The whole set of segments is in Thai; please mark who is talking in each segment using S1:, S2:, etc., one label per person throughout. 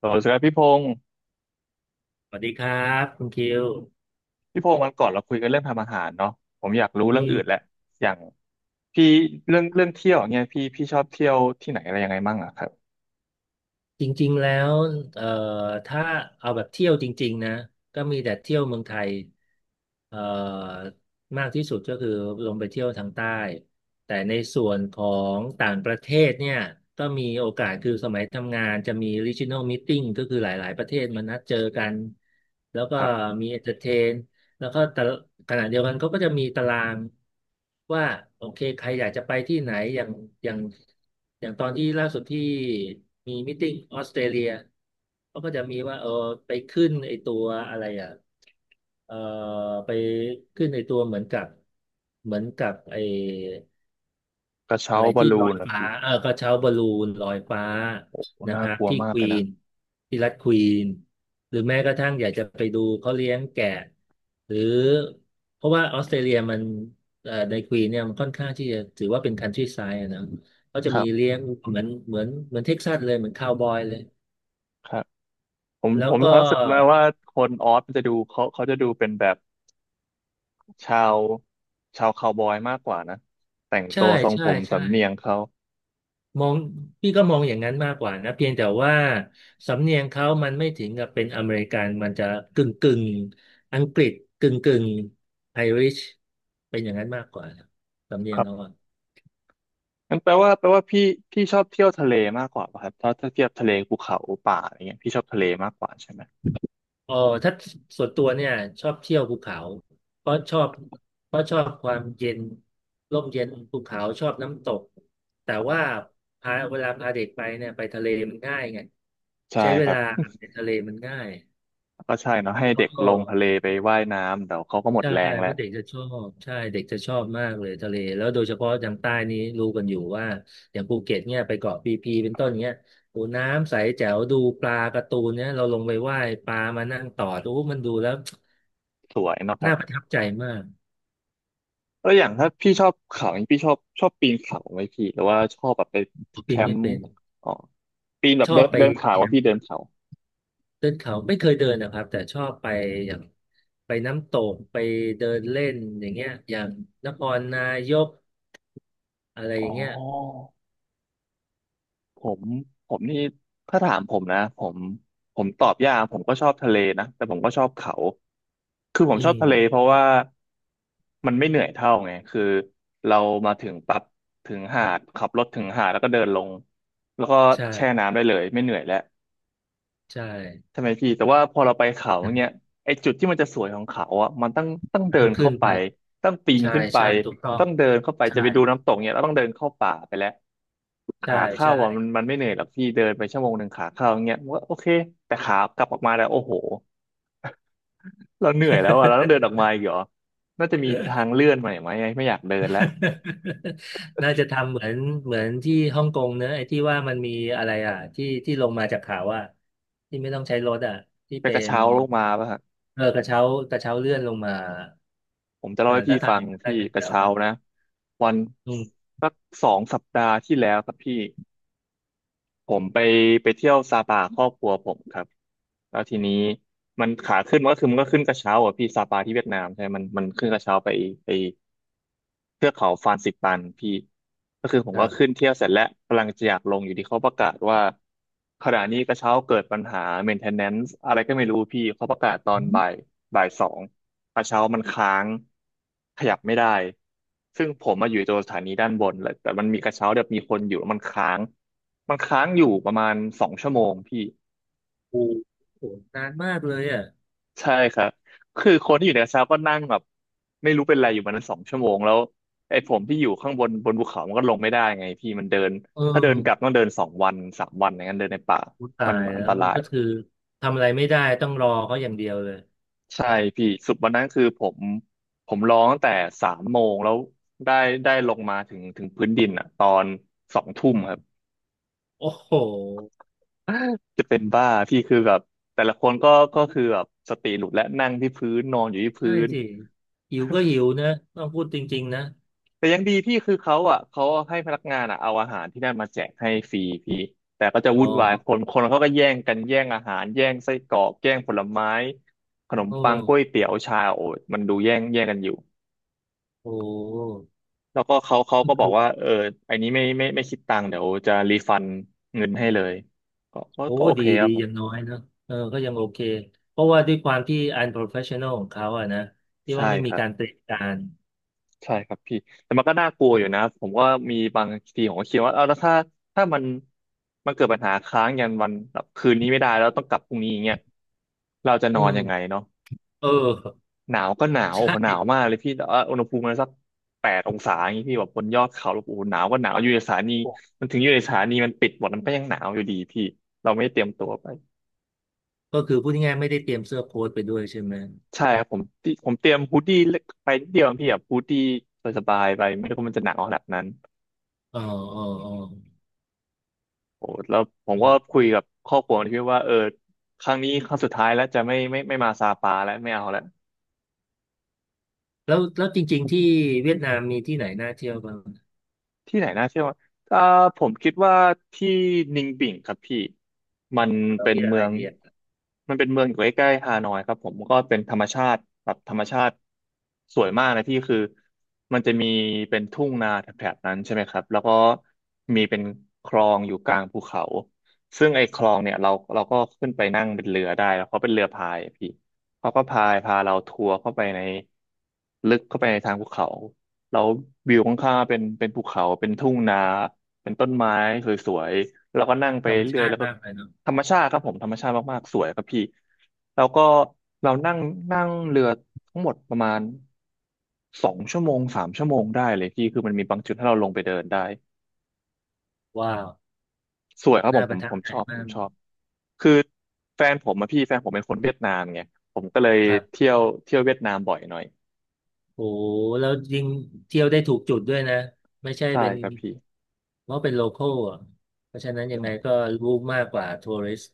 S1: สวัสดีครับพี่พงศ์
S2: สวัสดีครับคุณคิว
S1: พี่พงศ์วันก่อนเราคุยกันเรื่องทำอาหารเนาะผมอยากรู้
S2: อื
S1: เรื่องอื่นแห
S2: ม
S1: ละอย่างพี่เรื่องเที่ยวอย่างเงี้ยพี่ชอบเที่ยวที่ไหนอะไรยังไงมั่งอะครับ
S2: จริงๆแล้วเอ่อถ้าเอาแบบเที่ยวจริงๆนะก็มีแต่เที่ยวเมืองไทยเอ่อมากที่สุดก็คือลงไปเที่ยวทางใต้แต่ในส่วนของต่างประเทศเนี่ยก็มีโอกาสคือสมัยทำงานจะมี regional meeting ก็คือหลายๆประเทศมานัดเจอกันแล้วก็
S1: ครับ
S2: มี entertain แล้วก็แต่ขณะเดียวกันเขาก็จะมีตารางว่าโอเคใครอยากจะไปที่ไหนอย่างอย่างตอนที่ล่าสุดที่มีมิทติ้งออสเตรเลียเขาก็จะมีว่าเออไปขึ้นไอตัวอะไรอ่ะเอ่อไปขึ้นไอตัวเหมือนกับไอ
S1: กระเช้า
S2: อะไร
S1: บอล
S2: ที่
S1: ลู
S2: ลอ
S1: น
S2: ย
S1: เห
S2: ฟ้า
S1: พี่
S2: เออกระเช้าบอลลูนลอยฟ้า
S1: โอ้โห
S2: นะ
S1: น่า
S2: ครับ
S1: กลัว
S2: ที่
S1: มา
S2: ค
S1: กเล
S2: วี
S1: ยนะ
S2: นที่รัฐควีนหรือแม้กระทั่งอยากจะไปดูเขาเลี้ยงแกะ หรือ เพราะว่าออสเตรเลียมันในควีนเนี่ยมันค่อนข้างที่จะถือว่าเป็นคันทรีไซด์นะเขาจะ
S1: ครั
S2: มี
S1: บ
S2: เลี้ยงเหมือนเหมือนเท็กซัสเลยเหมือนคาวบอยเลย
S1: ครับผม
S2: แล้
S1: ผ
S2: ว
S1: มมี
S2: ก็
S1: ความรู้สึกนะว่าคนออสมันจะดูเขาจะดูเป็นแบบชาวชาวคาวบอยมากกว่านะแต่ง
S2: ใช่
S1: ตัวทรงผ
S2: ใช่
S1: ม
S2: ใช่
S1: สำเนียงเขา
S2: มองพี่ก็มองอย่างนั้นมากกว่านะเพียงแต่ว่าสำเนียงเขามันไม่ถึงกับเป็นอเมริกันมันจะกึ่งกึ่งอังกฤษกึ่งกึ่งไอริชเป็นอย่างนั้นมากกว่านะสำเนี
S1: ค
S2: ยง
S1: รั
S2: เขา
S1: บ
S2: อะ
S1: งั้นแปลว่าพี่พี่ชอบเที่ยวทะเลมากกว่าป่ะครับถ้าเทียบทะเลภูเขาป่าอะไรเงี้ยพี่ชอบทะเลมากกว่าใช่ไหม
S2: อ๋อถ้าส่วนตัวเนี่ยชอบเที่ยวภูเขาเพราะชอบเพราะชอบความเย็นร่มเย็นภูเขาชอบน้ำตกแต่ว่าพาเวลาพาเด็กไปเนี่ยไปทะเลมันง่ายไง
S1: ใช่
S2: ใช้เว
S1: ครับ
S2: ลาในทะเลมันง่าย
S1: ก็ใช่เนาะให้
S2: แล้วก็
S1: เด็กลงทะเลไปว่ายน้ำเดี๋ยวเขาก็หมด
S2: ใช่
S1: แรง
S2: เพ
S1: แล้ว
S2: ราะเด็กจะชอบใช่เด็กจะชอบมากเลยทะเลแล้วโดยเฉพาะทางใต้นี้รู้กันอยู่ว่าอย่างภูเก็ตเนี่ยไปเกาะพีพีเป็นต้นเนี้ยโอ้น้ำใสแจ๋วดูปลาการ์ตูนเนี่ยเราลงไปว่ายปลามานั่งตอดโอ้มันดูแล้ว
S1: สวยเนาะค รั
S2: น่าป
S1: บ
S2: ระทับใจมาก
S1: แล้วอย่างถ้าพี่ชอบเขาอย่างนี้พี่ชอบปีนเขาไหมพี่หรือว่าชอบแบบไปแค
S2: ปิน
S1: ม
S2: ไม่
S1: ป์
S2: เป็น
S1: อ๋อปีนแบ
S2: ช
S1: บ
S2: อ
S1: เดิ
S2: บ
S1: น
S2: ไป
S1: เดินเขา
S2: แค
S1: อะ
S2: มป์
S1: พี่เดินเขา
S2: เดินเขาไม่เคยเดินนะครับแต่ชอบไปอย่างไปน้ำตกไปเดินเล่นอย่างเงี้ยอย่างนครนายกอะไรอ
S1: อ๋อ
S2: ย่างเงี้ย
S1: ผมผมนี่ถ้าถามผมนะผมตอบยากผมก็ชอบทะเลนะแต่ผมก็ชอบเขาคือผม
S2: อื
S1: ชอบทะเลเพ
S2: ม
S1: ราะว่ามันไม่เหนื่อยเท่าไงคือเรามาถึงปั๊บถึงหาดขับรถถึงหาดแล้วก็เดินลงแล้วก็แช่
S2: ใช่
S1: น้ำได้เลยไม่เหนื่อยแล้ว
S2: ใช่
S1: ใช่ไหมพี่แต่ว่าพอเราไปเขาเนี้ยไอ้จุดที่มันจะสวยของเขาอ่ะมันต้องเดิ
S2: ต้อ
S1: น
S2: งขึ้
S1: เข้า
S2: น
S1: ไป
S2: ไป
S1: ต้องปีน
S2: ใช่
S1: ขึ้นไป
S2: ใช่ถูกต้อง
S1: ต้องเดินเข้าไปจะไปดู
S2: ใช่
S1: น้ำตกเนี้ยเราต้องเดินเข้าป่าไปแล้ว
S2: ใช่
S1: ขาเข้า
S2: ใช่
S1: อ่ะมันไม่เหนื่อยหรอกพี่เดินไปชั่วโมงหนึ่งขาเข้าอย่างเงี้ยผมว่าโอเคแต่ขากลับออกมาแล้วโอ้โหเราเหนื่อยแล้วอ่ะเราต้องเดินออกมาอีกเหรอน่าจะมีทางเลื่อนใหม่ไหมไม่อยากเดินแล้ว
S2: น่าจะทำเหมือนเหมือนที่ฮ่องกงเนอะไอ้ที่ว่ามันมีอะไรอ่ะที่ที่ลงมาจากเขาอ่ะที่ไม่ต้องใช้รถอ่ะที่
S1: ไป
S2: เป็
S1: กระ
S2: น
S1: เช้าลงมาป่ะฮะ
S2: เออกระเช้ากระเช้าเลื่อนลงมา
S1: ผมจะ
S2: เอ
S1: เล่า
S2: อ
S1: ให้พี่
S2: ถ้า
S1: ฟั
S2: ทำอ
S1: ง
S2: ย่างนั้นได้
S1: พี่
S2: ก็น
S1: ก
S2: เดี
S1: ระ
S2: ยว
S1: เช้า
S2: นะ
S1: นะวัน
S2: อืม
S1: สัก2 สัปดาห์ที่แล้วครับพี่ ผมไปเที่ยวซาปาครอบครัวผมครับแล้วทีนี้มันขาขึ้นมันก็คือมันก็ขึ้นกระเช้าอ่ะพี่ซาปาที่เวียดนามใช่ไหมมันขึ้นกระเช้าไปเทือกเขาฟานซิปันพี่ก็คือผม
S2: ครั
S1: ก็ขึ้
S2: บ
S1: นเที่ยวเสร็จแล้วกำลังจะอยากลงอยู่ที่เขาประกาศว่าขณะนี้กระเช้าเกิดปัญหา maintenance อะไรก็ไม่รู้พี่เขาประกาศตอ
S2: อื
S1: น
S2: ม
S1: บ่ายบ่ายสองกระเช้ามันค้าง ขยับไม่ได้ซึ่งผมมาอยู่ตัวสถานีด้านบนเลยแต่มันมีกระเช้าแบบมีคนอยู่แล้วมันค้างอยู่ประมาณสองชั่วโมงพี่
S2: โอ้โหนานมากเลยอ่ะ
S1: ใช่ครับคือคนที่อยู่ในกระเช้าก็นั่งแบบไม่รู้เป็นไรอยู่มานั้นสองชั่วโมงแล้วไอ้ผมที่อยู่ข้างบนบนภูเขามันก็ลงไม่ได้ไงพี่มันเดิน
S2: เอ
S1: ถ้าเดินกลับต้
S2: อ
S1: องเดินสองวันสามวันอย่างนั้นเดินในป่า
S2: กูตา
S1: มัน
S2: ย
S1: อัน
S2: แล้
S1: ต
S2: ว
S1: ราย
S2: ก็คือทำอะไรไม่ได้ต้องรอเขาอย่างเดียวเลย
S1: ใช่พี่สุดวันนั้นคือผมผมร้องตั้งแต่สามโมงแล้วได้ได้ลงมาถึงพื้นดินอ่ะตอนสองทุ่มครับ
S2: โอ้โห
S1: จะเป็นบ้าพี่คือแบบแต่ละคนก็คือแบบสติหลุดและนั่งที่พื้นนอนอยู่ที่
S2: ใช่
S1: พื้น
S2: สิหิวก็หิวนะต้องพูดจริงๆนะ
S1: แต่ยังดีพี่คือเขาอ่ะเขาให้พนักงานอ่ะเอาอาหารที่นั่นมาแจกให้ฟรีพี่แต่ก็จะ
S2: อ๋อ
S1: วุ่นวายคนเขาก็แย่งกันแย่งอาหารแย่งไส้กรอกแย่งผลไม้ขนม
S2: โอ้
S1: ปังกล้วยเตี๋ยวชาโอ้ยมันดูแย่งแย่งกันอยู่
S2: โห
S1: แล้วก็เขา
S2: ก็
S1: ก็บอ
S2: คื
S1: ก
S2: อ
S1: ว่าเอออันนี้ไม่คิดตังค์เดี๋ยวจะรีฟันเงินให้เลยก็ก็
S2: โอ้
S1: ก็โอ
S2: ดี
S1: เคค
S2: ดี
S1: รับผ
S2: อ
S1: ม
S2: ย่างน้อยนะเออก็ยังโอเคเพราะว่าด้วยความที่ unprofessional ของเขาอะนะที่
S1: ใช่
S2: ว่าไม่
S1: ค
S2: มี
S1: รับ
S2: การเตรียมการ
S1: ใช่ครับพี่แต่มันก็น่ากลัวอยู่นะผมก็มีบางทีผมก็คิดว่าเอาแล้วถ้ามันเกิดปัญหาค้างยันวันแบบคืนนี้ไม่ได้แล้วต้องกลับพรุ่งนี้อย่างเงี้ยเราจะน
S2: อื
S1: อน
S2: ม
S1: ยังไงเนาะ
S2: เออ
S1: หนาวก็หนาว โอ้
S2: ใช่
S1: โหหนาวมากเลยพี่แต่ว่าอุณหภูมิมันสัก8 องศาอย่างงี้พี่แบบบนยอดเขาแล้วโอ้โหหนาวก็หนาวอยู่ในสถานีมันถึงอยู่ในสถานีมันปิดหมดมันก็ยังหนาวอยู่ดีพี่เราไม่ได้เตรียมตัวไป
S2: ก็คือพูดง่ายๆไม่ได้เตรียมเสื้อโค้ทไปด้วยใช่ไหม
S1: ใช่ครับผมผมเตรียมฮูดดี้เล็กไปนิดเดียวพี่แบบฮูดดี้สบายๆไปไม่รู้ว่ามันจะหนาวขนาดนั้น
S2: อ๋ออ๋ออ๋อ
S1: โอ้แล้วผมก็คุยกับครอบครัวที่ว่าเออครั้งนี้ครั้งสุดท้ายแล้วจะไม่มาซาปาแล้วไม่เอาแล้ว
S2: แล้วแล้วจริงๆที่เวียดนามมีที่ไหนน่าเที่ยวบ้าง
S1: ที่ไหนน่าเที่ยวเอ่อผมคิดว่าที่นิงบิ่งครับพี่มัน
S2: เรา
S1: เป็น
S2: มีอะ
S1: เมื
S2: ไร
S1: อง
S2: ดีอะ
S1: มันเป็นเมืองอยู่ใกล้ๆฮานอยครับผมก็เป็นธรรมชาติแบบธรรมชาติสวยมากนะพี่คือมันจะมีเป็นทุ่งนาแถบๆนั้นใช่ไหมครับแล้วก็มีเป็นคลองอยู่กลางภูเขาซึ่งไอ้คลองเนี่ยเราก็ขึ้นไปนั่งเป็นเรือได้แล้วเขาเป็นเรือพายอะพี่เขาก็พายพาเราทัวร์เข้าไปในลึกเข้าไปในทางภูเขา แล้ววิวข้างๆเป็นภูเขาเป็นทุ่งนาเป็นต้นไม้สวยๆแล้วก็นั่งไป
S2: ธรรม
S1: เรื่อ
S2: ชา
S1: ยแล้
S2: ติ
S1: วก็
S2: มากเลยเนาะ
S1: ธรรมชาติครับผมธรรมชาติมากๆสวยครับพี่แล้วก็เรานั่งนั่งเรือทั้งหมดประมาณ2 ชั่วโมง3 ชั่วโมงได้เลยพี่คือมันมีบางจุดให้เราลงไปเดินได้
S2: ว้าว
S1: สวยครับผ
S2: น่า
S1: ม
S2: ป
S1: ผ
S2: ระ
S1: ม
S2: ทั
S1: ผ
S2: บ
S1: ม
S2: ใจ
S1: ชอบผ
S2: มา
S1: ม
S2: ก
S1: ชอบคือแฟนผมอะพี่แฟนผมเป็นคนเวียดนามไงผมก็เลย
S2: ครับ
S1: เที่ยวเที่ยวเวียดนามบ่อยหน่อย
S2: โอ้โหแล้วยิ่งเที่ยวได้ถูกจุดด้วยนะไม่ใช่
S1: ใช่
S2: เป็น
S1: ครับพี่
S2: เพราะเป็นโลคอลอ่ะเพราะฉะนั้นยังไงก็รู้มากกว่าทัวริสต์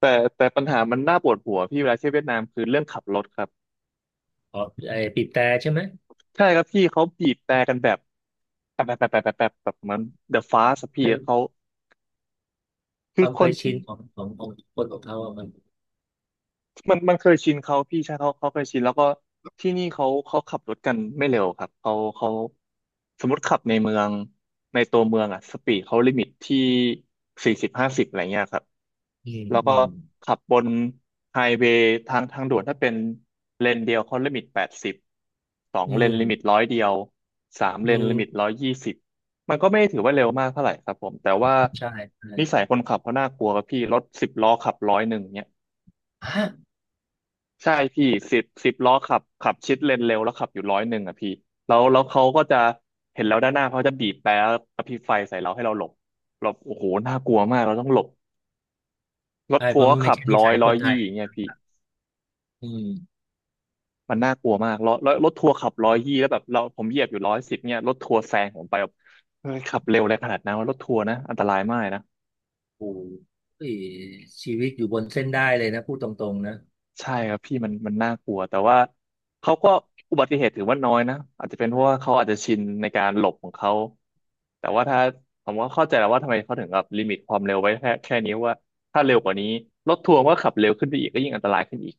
S1: แต่แต่ปัญหามันน่าปวดหัวพี่เวลาเที่ยวเวียดนามคือเรื่องขับรถครับ
S2: อ๋อไอ้ปีบแต่ใช่ไหม
S1: ใช่ครับพี่เขาบีบแต่กันแบบแบบแบบแบบแบบแบบแบบเหมือน The Fast อะพี่
S2: เรื่อง
S1: เขา
S2: ค
S1: คือ
S2: วาม
S1: ค
S2: เค
S1: น
S2: ย
S1: ที่
S2: ชินของคนของเขาอะมัน
S1: มันเคยชินเขาพี่ใช่เขาเคยชินแล้วก็ที่นี่เขาขับรถกันไม่เร็วครับเขาสมมติขับในเมืองในตัวเมืองอะสปีดเขาลิมิตที่4050อะไรเงี้ยครับ
S2: อืม
S1: แล้ว
S2: อื
S1: ก็
S2: ม
S1: ขับบนไฮเวย์ทางด่วนถ้าเป็นเลนเดียวเขาลิมิต80สอง
S2: อื
S1: เลนลิมิต
S2: ม
S1: 100สาม
S2: อื
S1: เลนลิมิตร้
S2: ม
S1: อยยี่สิบมันก็ไม่ได้ถือว่าเร็วมากเท่าไหร่ครับผมแต่ว่า
S2: ใช่ใช่
S1: นิสัยคนขับเขาน่ากลัวครับพี่รถสิบล้อขับร้อยหนึ่งเนี่ย
S2: ฮะ
S1: ใช่พี่สิบล้อขับขับชิดเลนเร็วแล้วขับอยู่ร้อยหนึ่งอ่ะพี่แล้วเขาก็จะเห็นเราด้านหน้าเขาจะบีบแตรแล้วกระพริบไฟใส่เราให้เราหลบหลบโอ้โหน่ากลัวมากเราต้องหลบรถ
S2: ใช่เพ
S1: ทัวร์
S2: ราะ
S1: ก็
S2: มันไม่
S1: ขับ
S2: ใช่นิ
S1: ร้อ
S2: สั
S1: ย
S2: ยค
S1: ร้อย
S2: นไท
S1: ยี่
S2: ย
S1: อย่างเงี้ยพี่
S2: อืม
S1: มันน่ากลัวมากรถทัวร์ขับร้อยยี่แล้วแบบเราผมเหยียบอยู่110เนี่ยรถทัวร์แซงผมไปแบบเฮ้ยขับเร็วอะไรขนาดนั้นวะรถทัวร์นะอันตรายมากนะ
S2: โอ้โหชีวิตอยู่บนเส้นได้เลยนะพูดตรงๆนะ
S1: ใช่ครับพี่มันมันน่ากลัวแต่ว่าเขาก็อุบัติเหตุถือว่าน้อยนะอาจจะเป็นเพราะว่าเขาอาจจะชินในการหลบของเขาแต่ว่าถ้าผมก็เข้าใจแล้วว่าทำไมเขาถึงแบบลิมิตความเร็วไว้แค่นี้ว่าถ้าเร็วกว่านี้รถทัวร์ก็ขับเร็วขึ้นไปอีกก็ยิ่งอันตรายขึ้นอีก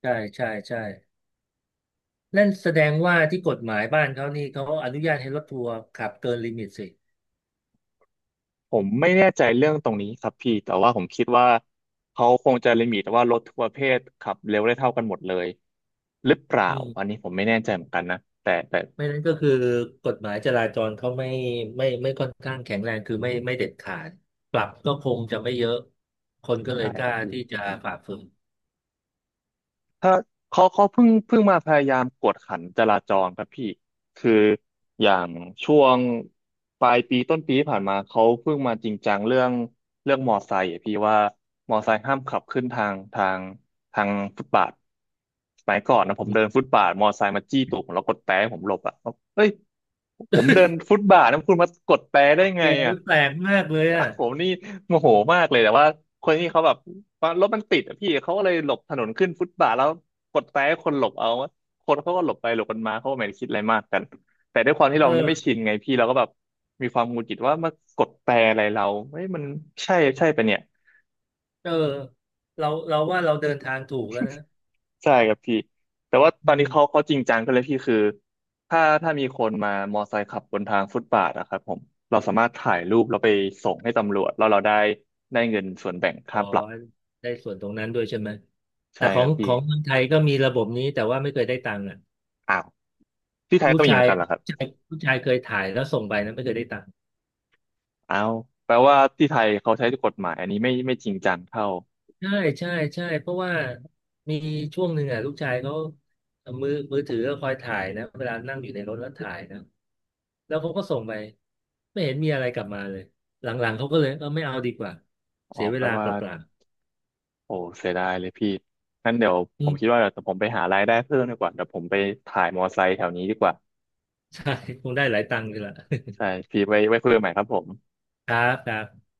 S2: ใช่ใช่ใช่ นั่นแสดงว่าที่กฎหมายบ้านเขานี่เขาอนุญาตให้รถทัวร์ขับเกินลิมิตสิ
S1: ผมไม่แน่ใจเรื่องตรงนี้ครับพี่แต่ว่าผมคิดว่าเขาคงจะลิมิตว่ารถทุกประเภทขับเร็วได้เท่ากันหมดเลยหรือเปล่า
S2: อืม
S1: อันนี้ผมไม่แน่ใจเหมือนกันนะแต่
S2: ไม่นั้นก็คือกฎหมายจราจรเขาไม่ไม่ไม่ค่อนข้างแข็งแรงคือไม่ไม่เด็ดขาดปรับก็คงจะไม่เยอะคนก็เลย
S1: ใช่
S2: ก
S1: ครั
S2: ล้า
S1: บพี่
S2: ที่จะฝ่าฝืน
S1: ถ้าเขาเพิ่งมาพยายามกวดขันจราจรครับพี่คืออย่างช่วงปลายปีต้นปีที่ผ่านมาเขาเพิ่งมาจริงจังเรื่องมอไซค์อะพี่ว่ามอไซค์ห้ามขับขึ้นทางฟุตบาทสมัยก่อนนะผ
S2: อื
S1: ม
S2: ม
S1: เดินฟุตบาทมอไซค์มาจี้ตูดผมแล้วกดแตรให้ผมหลบอ่ะเอ้ยผมเดินฟุตบาทนะคุณมากดแตรได้ไง
S2: โอ้
S1: อ่ะ
S2: ยแปลกมากเลยอ่ะ
S1: ผมนี่โมโหมากเลยแต่ว่าคนที่เขาแบบว่ารถมันติดอะพี่เขาก็เลยหลบถนนขึ้นฟุตบาทแล้วกดแตรให้คนหลบเอาคนเขาก็หลบไปหลบกันมาเขาก็ไม่ได้คิดอะไรมากกันแต่ด้วยความที่
S2: เอ
S1: เรา
S2: อ
S1: ไม่ชินไงพี่เราก็แบบมีความหงุดหงิดว่ามากดแตรอะไรเราเฮ้ยมันใช่ใช่ปะเนี่ย
S2: เออเราว่าเราเดินทางถูกแล้วนะ
S1: ใช่ครับพี่แต่ว่า
S2: อื
S1: ตอนนี้
S2: ม
S1: เขาเขาจริงจังกันเลยพี่คือถ้ามีคนมามอไซค์ขับบนทางฟุตบาทนะครับผมเราสามารถถ่ายรูปแล้วไปส่งให้ตำรวจแล้วเราได้เงินส่วนแบ่ง
S2: อ๋อ
S1: ค่าปรับ
S2: ได้ส่วนตรงนั้นด้วยใช่ไหมแต่
S1: ใช่
S2: ขอ
S1: ครั
S2: ง
S1: บ
S2: ข
S1: พี่
S2: องเมืองไทยก็มีระบบนี้แต่ว่าไม่เคยได้ตังค์อ่ะ
S1: อ้าวที่ไทย
S2: ลูก
S1: ก็มีเห
S2: ชา
S1: มือ
S2: ย
S1: นกันเหร
S2: ลู
S1: อ
S2: ก
S1: ครับ
S2: ชายลูกชายเคยถ่ายแล้วส่งไปนะไม่เคยได้ตังค์
S1: อ้าวแปลว่าที่ไทยเขาใช้กฎหมายอันนี้ไม่จริงจังเท่า
S2: ใช่ใช่ใช่เพราะว่ามีช่วงหนึ่งอ่ะลูกชายเขาเอามือมือถือก็คอยถ่ายนะเวลานั่งอยู่ในรถแล้วถ่ายนะแล้วเขาก็ส่งไปไม่เห็นมีอะไรกลับมาเลยหลังๆเขาก็เลยเออไม่เอาดีกว่า
S1: อ๋อ
S2: เสียเว
S1: แปล
S2: ลาเป
S1: ว่า
S2: ล่า
S1: โอ้เสียดายเลยพี่งั้นเดี๋ยว
S2: ๆอื
S1: ผมคิด
S2: ม
S1: ว่าเดี๋ยวผมไปหารายได้เพิ่มดีกว่าเดี๋ยวผมไปถ่ายมอไซค์แถวนี้ดีกว่า
S2: ใช่คงได้หลายตังค์เลยล่ะ
S1: ใช่พี่ไว้ไว้คุยกันใหม่ครับผม
S2: ครับครับ